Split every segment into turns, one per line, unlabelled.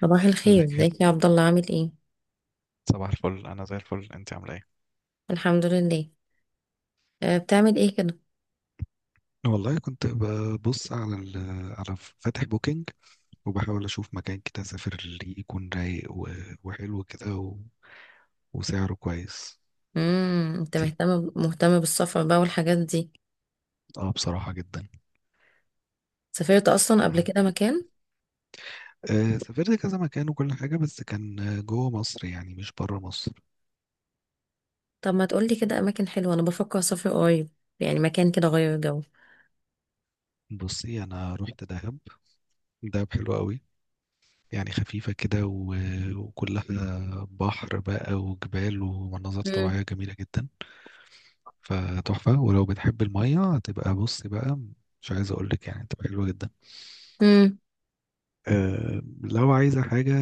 صباح الخير،
ازيك يا
ازيك يا
هبة؟
عبد الله؟ عامل ايه؟
صباح الفل، انا زي الفل، انت عامله ايه؟
الحمد لله. أه، بتعمل ايه كده؟
والله كنت ببص على ال على فاتح بوكينج وبحاول اشوف مكان كده اسافر اللي يكون رايق وحلو كده وسعره كويس
انت
دي.
مهتم بالسفر بقى والحاجات دي؟
اه بصراحة جدا.
سافرت اصلا قبل
عن-
كده مكان؟
سافرت كذا مكان وكل حاجة، بس كان جوه مصر يعني، مش بره مصر.
طب ما تقولي كده اماكن حلوه، انا بفكر اسافر قريب، يعني مكان كده غير جو.
بصي، انا رحت دهب. دهب حلو قوي، يعني خفيفة كده وكلها بحر بقى وجبال ومناظر
امم.
طبيعية جميلة جدا. فتحفة، ولو بتحب المية هتبقى، بص بقى، مش عايز أقولك، يعني هتبقى حلوة جدا.
امم.
أه لو عايزة حاجة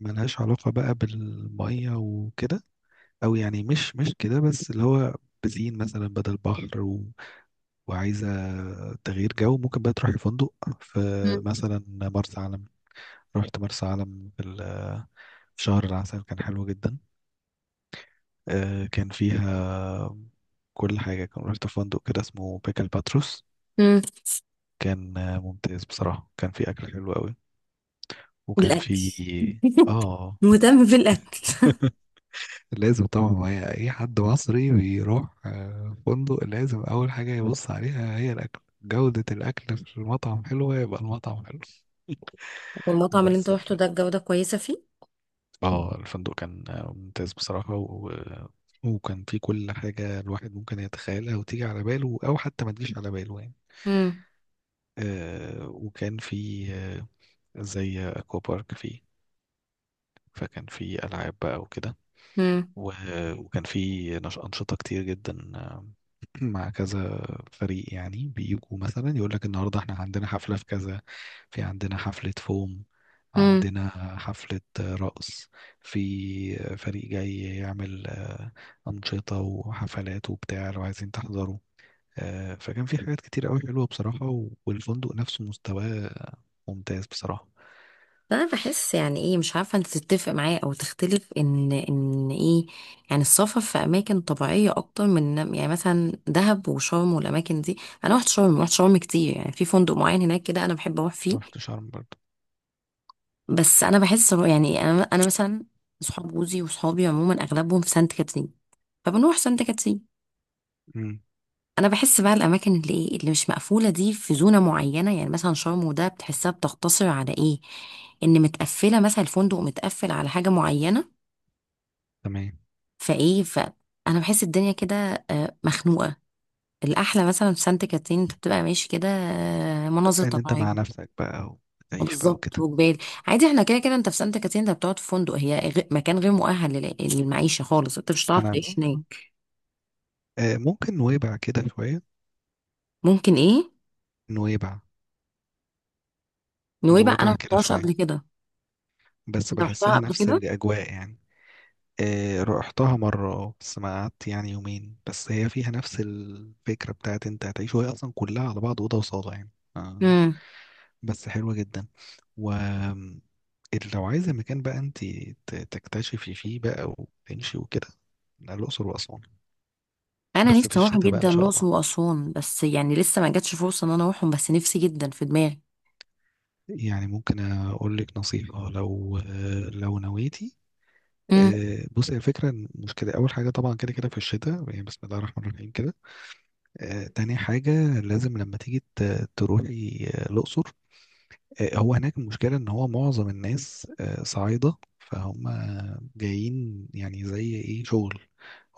ملهاش علاقة بقى بالمية وكده، أو يعني مش كده، بس اللي هو بزين مثلا بدل بحر وعايزة تغيير جو، ممكن بقى تروحي فندق في مثلا مرسى علم. رحت مرسى علم في شهر العسل، كان حلو جدا. أه كان فيها كل حاجة. كان رحت فندق كده اسمه بيكل باتروس.
امم.
كان ممتاز بصراحة. كان في أكل حلو قوي، وكان
الاكل.
في آه
مهتم بالاكل.
لازم طبعا، ما هي اي حد مصري بيروح فندق لازم اول حاجة يبص عليها هي الاكل. جودة الاكل في المطعم حلوة، يبقى المطعم حلو.
والمطعم اللي انت
بس ف...
روحته ده الجوده كويسه فيه؟
آه الفندق كان ممتاز بصراحة وكان في كل حاجة الواحد ممكن يتخيلها وتيجي على باله، أو حتى ما تجيش على باله يعني.
امم.
وكان في زي أكوا بارك فيه، فكان في ألعاب بقى وكده، و- وكان في أنشطة كتير جدا، مع كذا فريق، يعني بيجوا مثلا يقول لك النهاردة احنا عندنا حفلة في كذا، في عندنا حفلة فوم،
امم.
عندنا حفلة رقص، في فريق جاي يعمل أنشطة وحفلات وبتاع لو عايزين تحضروا. فكان في حاجات كتير قوي حلوة بصراحة، والفندق نفسه مستواه ممتاز بصراحة.
انا بحس يعني، ايه، مش عارفه انت تتفق معايا او تختلف، ان ايه، يعني السفر في اماكن طبيعيه اكتر من، يعني مثلا، دهب وشرم والاماكن دي. انا رحت شرم، رحت شرم كتير، يعني في فندق معين هناك كده انا بحب اروح فيه.
رحت شرم برضه.
بس انا بحس إنه، يعني، انا مثلا صحاب جوزي وصحابي عموما اغلبهم في سانت كاترين، فبنروح سانت كاترين.
مم.
انا بحس بقى الاماكن اللي ايه، اللي مش مقفوله دي، في زونه معينه، يعني مثلا شرم وده بتحسها بتقتصر على ايه، ان متقفله، مثلا الفندق متقفل على حاجه معينه.
تمام.
فايه، فانا بحس الدنيا كده مخنوقه. الاحلى مثلا في سانت كاترين انت بتبقى ماشي كده، مناظر
ان انت
طبيعيه.
مع نفسك بقى، وتعيش بقى
بالظبط،
وكده.
وجبال. عادي، احنا كده كده انت في سانت كاترين انت بتقعد في فندق، هي مكان غير مؤهل للمعيشه خالص، انت مش هتعرف
انا
تعيش
فاهم.
هناك.
ممكن نويبع كده شوية.
ممكن ايه؟
نويبع.
نويبع؟ انا
نويبع
ما
كده
رحتهاش
شوية،
قبل كده.
بس
انت رحتها
بحسها
قبل
نفس
كده؟
الأجواء يعني. رحتها مرة، بس ما قعدت يعني يومين بس. هي فيها نفس الفكرة بتاعت انت هتعيش، وهي أصلا كلها على بعض أوضة وصالة يعني. آه،
امم.
بس حلوة جدا. و آم، لو عايزة مكان بقى انت تكتشفي فيه بقى وتمشي وكده. لا، الأقصر وأسوان.
انا
بس في
نفسي اروح
الشتاء بقى إن
جدا
شاء
الاقصر
الله.
واسوان، بس يعني لسه ما جاتش فرصه ان انا اروحهم، بس نفسي جدا في دماغي.
يعني ممكن أقول لك نصيحة لو لو نويتي،
امم.
بص، هي الفكرة مش كده. أول حاجة طبعا كده كده في الشتاء، يعني بسم الله الرحمن الرحيم كده. تاني حاجة لازم لما تيجي تروحي الأقصر. هو هناك المشكلة إن هو معظم الناس صعايدة، فهم جايين يعني زي إيه، شغل.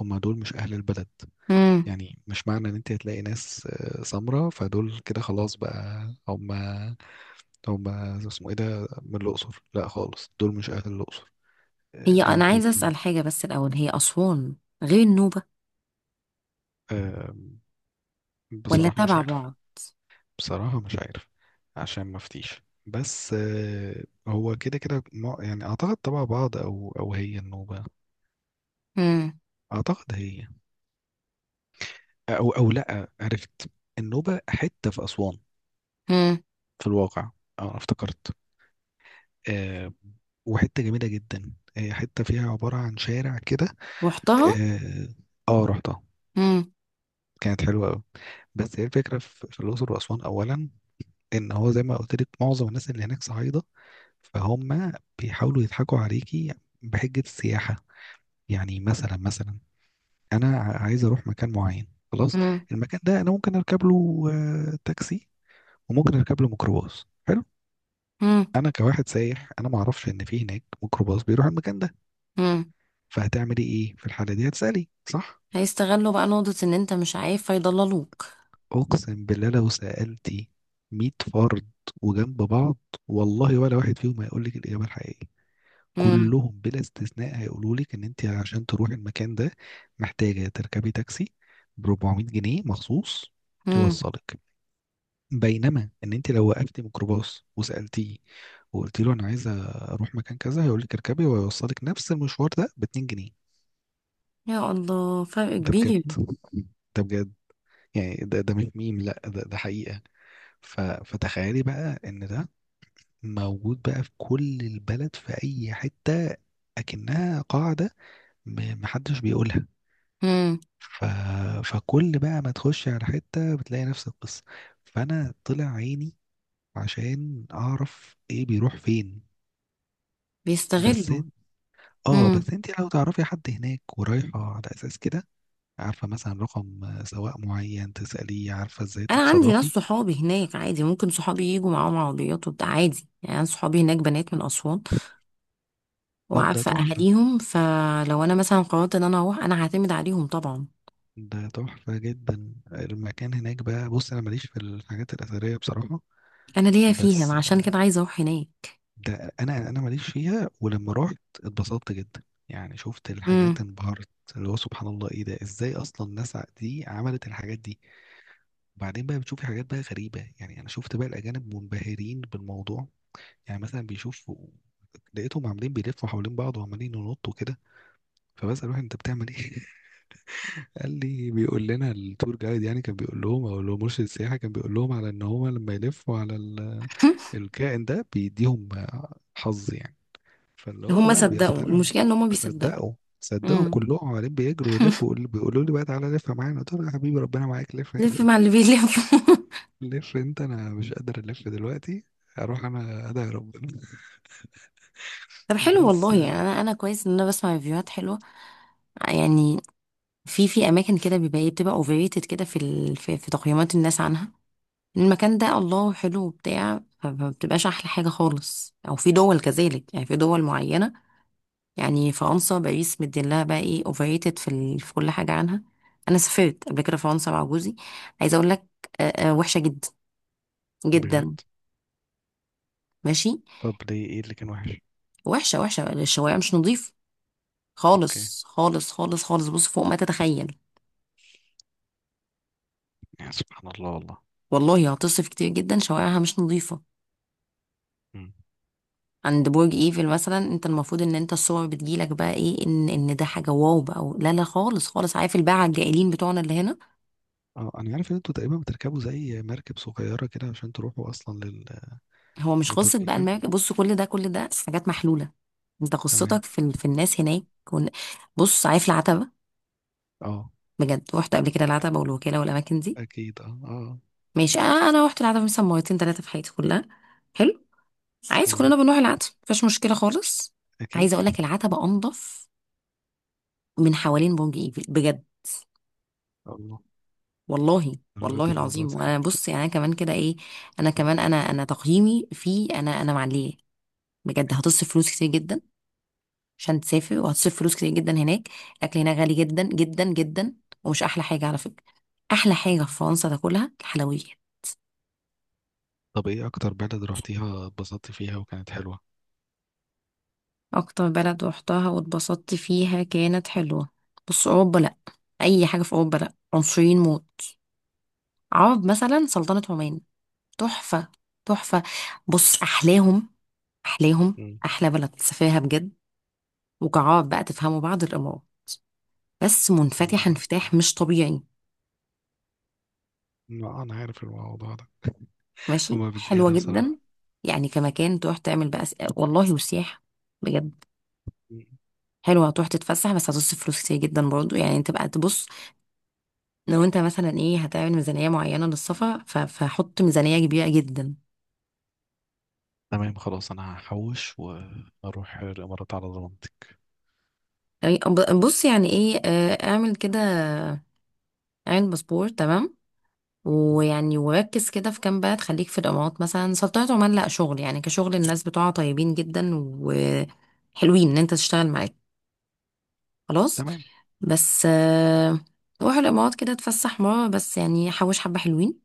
هم دول مش أهل البلد.
امم.
يعني مش معنى إن أنت هتلاقي ناس سمرة فدول كده خلاص بقى هم اسمه إيه ده من الأقصر، لا خالص، دول مش أهل الأقصر.
هي
دول
انا عايزه
بيبقوا.
اسال حاجه بس الاول، هي اسوان غير النوبه ولا
بصراحة مش
تبع
عارف.
بعض؟
بصراحة مش عارف، عشان ما افتيش، بس هو كده كده يعني اعتقد تبع بعض، او او هي النوبة.
مم.
اعتقد هي. او او لا عرفت، النوبة حتة في اسوان
مم.
في الواقع. اه افتكرت. آه، وحتة جميلة جدا. هي حتة فيها عبارة عن شارع كده.
رحتها.
اه، رحتها.
مم.
كانت حلوة قوي. بس هي الفكرة في الأقصر وأسوان أولا، إن هو زي ما قلت لك معظم الناس اللي هناك صعيدة، فهم بيحاولوا يضحكوا عليكي بحجة السياحة. يعني مثلا أنا عايز أروح مكان معين، خلاص.
مم.
المكان ده أنا ممكن أركب له تاكسي، وممكن أركب له ميكروباص حلو.
مم.
أنا كواحد سايح أنا ما أعرفش إن في هناك ميكروباص بيروح المكان ده.
مم.
فهتعملي إيه في الحالة دي؟ هتسألي صح؟
هيستغلوا بقى نقطة ان انت مش عارف فيضللوك.
أقسم بالله لو سألتي 100 فرد وجنب بعض، والله ولا واحد فيهم هيقول لك الإجابة الحقيقية.
مم.
كلهم بلا استثناء هيقولوا لك ان انت عشان تروحي المكان ده محتاجه تركبي تاكسي ب 400 جنيه مخصوص
مم.
يوصلك. بينما ان انت لو وقفتي ميكروباص وسالتيه وقلت له انا عايزه اروح مكان كذا، هيقول لك اركبي، ويوصلك نفس المشوار ده ب 2 جنيه.
يا الله، فرق
ده بجد،
كبير.
ده بجد. يعني ده مش ميم، لا ده حقيقه. ف فتخيلي بقى ان ده موجود بقى في كل البلد في اي حته، اكنها قاعده، محدش بيقولها.
مم.
ف... فكل بقى ما تخش على حتة بتلاقي نفس القصة. فأنا طلع عيني عشان أعرف إيه بيروح فين. بس
بيستغلوا.
إن- اه بس
مم.
انت لو تعرفي حد هناك ورايحة على أساس كده، عارفة مثلا رقم سواق معين تسأليه، عارفة ازاي
انا عندي ناس
تتصرفي.
صحابي هناك، عادي، ممكن صحابي يجوا معاهم عربيات وبتاع، عادي، يعني انا صحابي هناك بنات من اسوان،
طب ده
وعارفه
تحفة.
اهاليهم، فلو انا مثلا قررت ان انا اروح انا هعتمد عليهم طبعا.
ده تحفة جدا المكان هناك بقى. بص، أنا ماليش في الحاجات الأثرية بصراحة،
انا ليا فيها،
بس
عشان كده عايزه اروح هناك.
ده انا ماليش فيها، ولما رحت اتبسطت جدا. يعني شفت الحاجات
مم.
انبهرت، اللي هو سبحان الله، ايه ده؟ ازاي اصلا الناس دي عملت الحاجات دي؟ وبعدين بقى بتشوفي حاجات بقى غريبة. يعني انا شفت بقى الاجانب منبهرين بالموضوع. يعني مثلا بيشوفوا، لقيتهم عاملين بيلفوا حوالين بعض وعمالين ينطوا كده. فبسأل واحد، انت بتعمل ايه؟ قال لي بيقول لنا التور جايد، يعني كان بيقول لهم، او اللي هو مرشد السياحه كان بيقول لهم على ان هو لما يلفوا على الكائن ده بيديهم حظ يعني. فاللي هو
هم
بقى
صدقوا،
بيقتنعوا،
المشكله ان هم بيصدقوا.
صدقوا. صدقوا
امم.
كلهم، عمالين بيجروا يلفوا، بيقولوا لي بقى تعالى لف معانا، قلت له يا حبيبي ربنا معاك، لف.
لف مع اللي بيلف.
لف انت، انا مش قادر الف دلوقتي، اروح انا ادعي ربنا.
طب حلو
بس
والله، يعني انا كويس ان انا بسمع ريفيوهات حلوه. يعني في في اماكن كده بيبقى ايه، بتبقى اوفريتد كده في تقييمات الناس عنها، المكان ده الله حلو وبتاع، فما بتبقاش احلى حاجه خالص. او في دول كذلك، يعني في دول معينه، يعني فرنسا، باريس مديلها بقى ايه اوفريتد في كل حاجه عنها. انا سافرت قبل كده فرنسا مع جوزي، عايزه اقول لك، وحشه جدا
بجد.
جدا. ماشي.
طب ليه؟ ايه اللي كان وحش؟
وحشه وحشه، الشوايه مش نظيف
اوكي.
خالص خالص خالص خالص، بص فوق ما تتخيل.
يعني سبحان الله والله.
والله هتصف كتير جدا، شوارعها مش نظيفه.
مم.
عند برج ايفل مثلا، انت المفروض ان انت الصور بتجيلك بقى ايه، ان ان ده حاجه واو بقى لا لا خالص خالص، عارف الباعه الجائلين بتوعنا اللي هنا.
اه انا عارف ان انتوا تقريبا بتركبوا زي مركب صغيره كده عشان تروحوا اصلا
هو مش
لبرج
قصه بقى
ايفل.
الماركه، بص كل ده كل ده حاجات محلوله، انت
تمام.
قصتك في الناس هناك كون... بص عارف العتبه؟
اه
بجد رحت قبل كده العتبه والوكاله والاماكن دي،
اكيد اه اه.
ماشي. انا رحت العتبه مثلا مرتين ثلاثه في حياتي كلها. حلو عايز،
تمام،
كلنا بنروح العتبة، مفيش مشكلة خالص. عايزة
اكيد.
اقول لك العتبة انضف من حوالين برج ايفل بجد،
الله.
والله،
الدرجات
والله
دي الموضوع
العظيم.
سيء.
وانا بص، يعني انا كمان كده ايه، انا كمان، انا تقييمي في، انا معليه. بجد، هتصرف فلوس كتير جدا عشان تسافر، وهتصرف فلوس كتير جدا هناك، الاكل هناك غالي جدا جدا جدا، ومش احلى حاجة على فكرة. احلى حاجة في فرنسا تاكلها الحلويات.
طب ايه اكتر بلد رحتيها اتبسطتي فيها وكانت حلوة؟
اكتر بلد روحتها واتبسطت فيها كانت حلوة؟ بص، اوروبا لا، اي حاجة في اوروبا لا، عنصريين موت. عوض مثلا سلطنة عمان، تحفة، تحفة. بص، أحلاهم، أحلاهم
مم.
أحلى بلد سفاها بجد. وكعاب بقى تفهموا بعض، الإمارات، بس
انا
منفتحة
مره،
انفتاح مش طبيعي،
ما انا عارف الموضوع ده.
ماشي،
هما
حلوة
بالزيادة
جدا.
بصراحة.
يعني كمكان تروح تعمل بقى والله وسياحة، بجد
مم.
حلوة، هتروح تتفسح، بس هتصرف فلوس كتير جدا برضو، يعني انت بقى تبص. لو انت مثلا ايه، هتعمل ميزانية معينة للسفر، فحط ميزانية كبيرة جدا.
تمام، خلاص انا هحوش واروح الامارات على ضمانتك.
يعني بص، يعني ايه، اعمل كده، اعمل باسبور، تمام.
مم.
ويعني وركز كده في كام بلد، خليك في الامارات، مثلا سلطنة عمان، لا شغل يعني، كشغل الناس بتوعها طيبين جدا وحلوين ان انت تشتغل معاك. خلاص.
تمام.
بس روح الامارات كده تفسح مرة بس، يعني حوش حبة حلوين.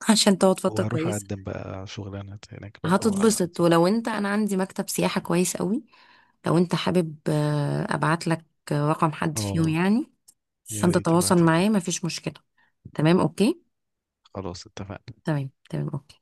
عشان تقعد فترة
وهروح
كويسة.
اقدم بقى شغلانة هناك بقى
هتتبسط.
واظبط.
ولو انت، انا عندي مكتب سياحة كويس قوي، لو انت حابب ابعت لك رقم حد فيهم
اه،
يعني
يا
عشان
ريت
تتواصل
تبعتيلي.
معاه، مفيش مشكلة. تمام، اوكي.
خلاص اتفقنا.
تمام تمام، اوكي.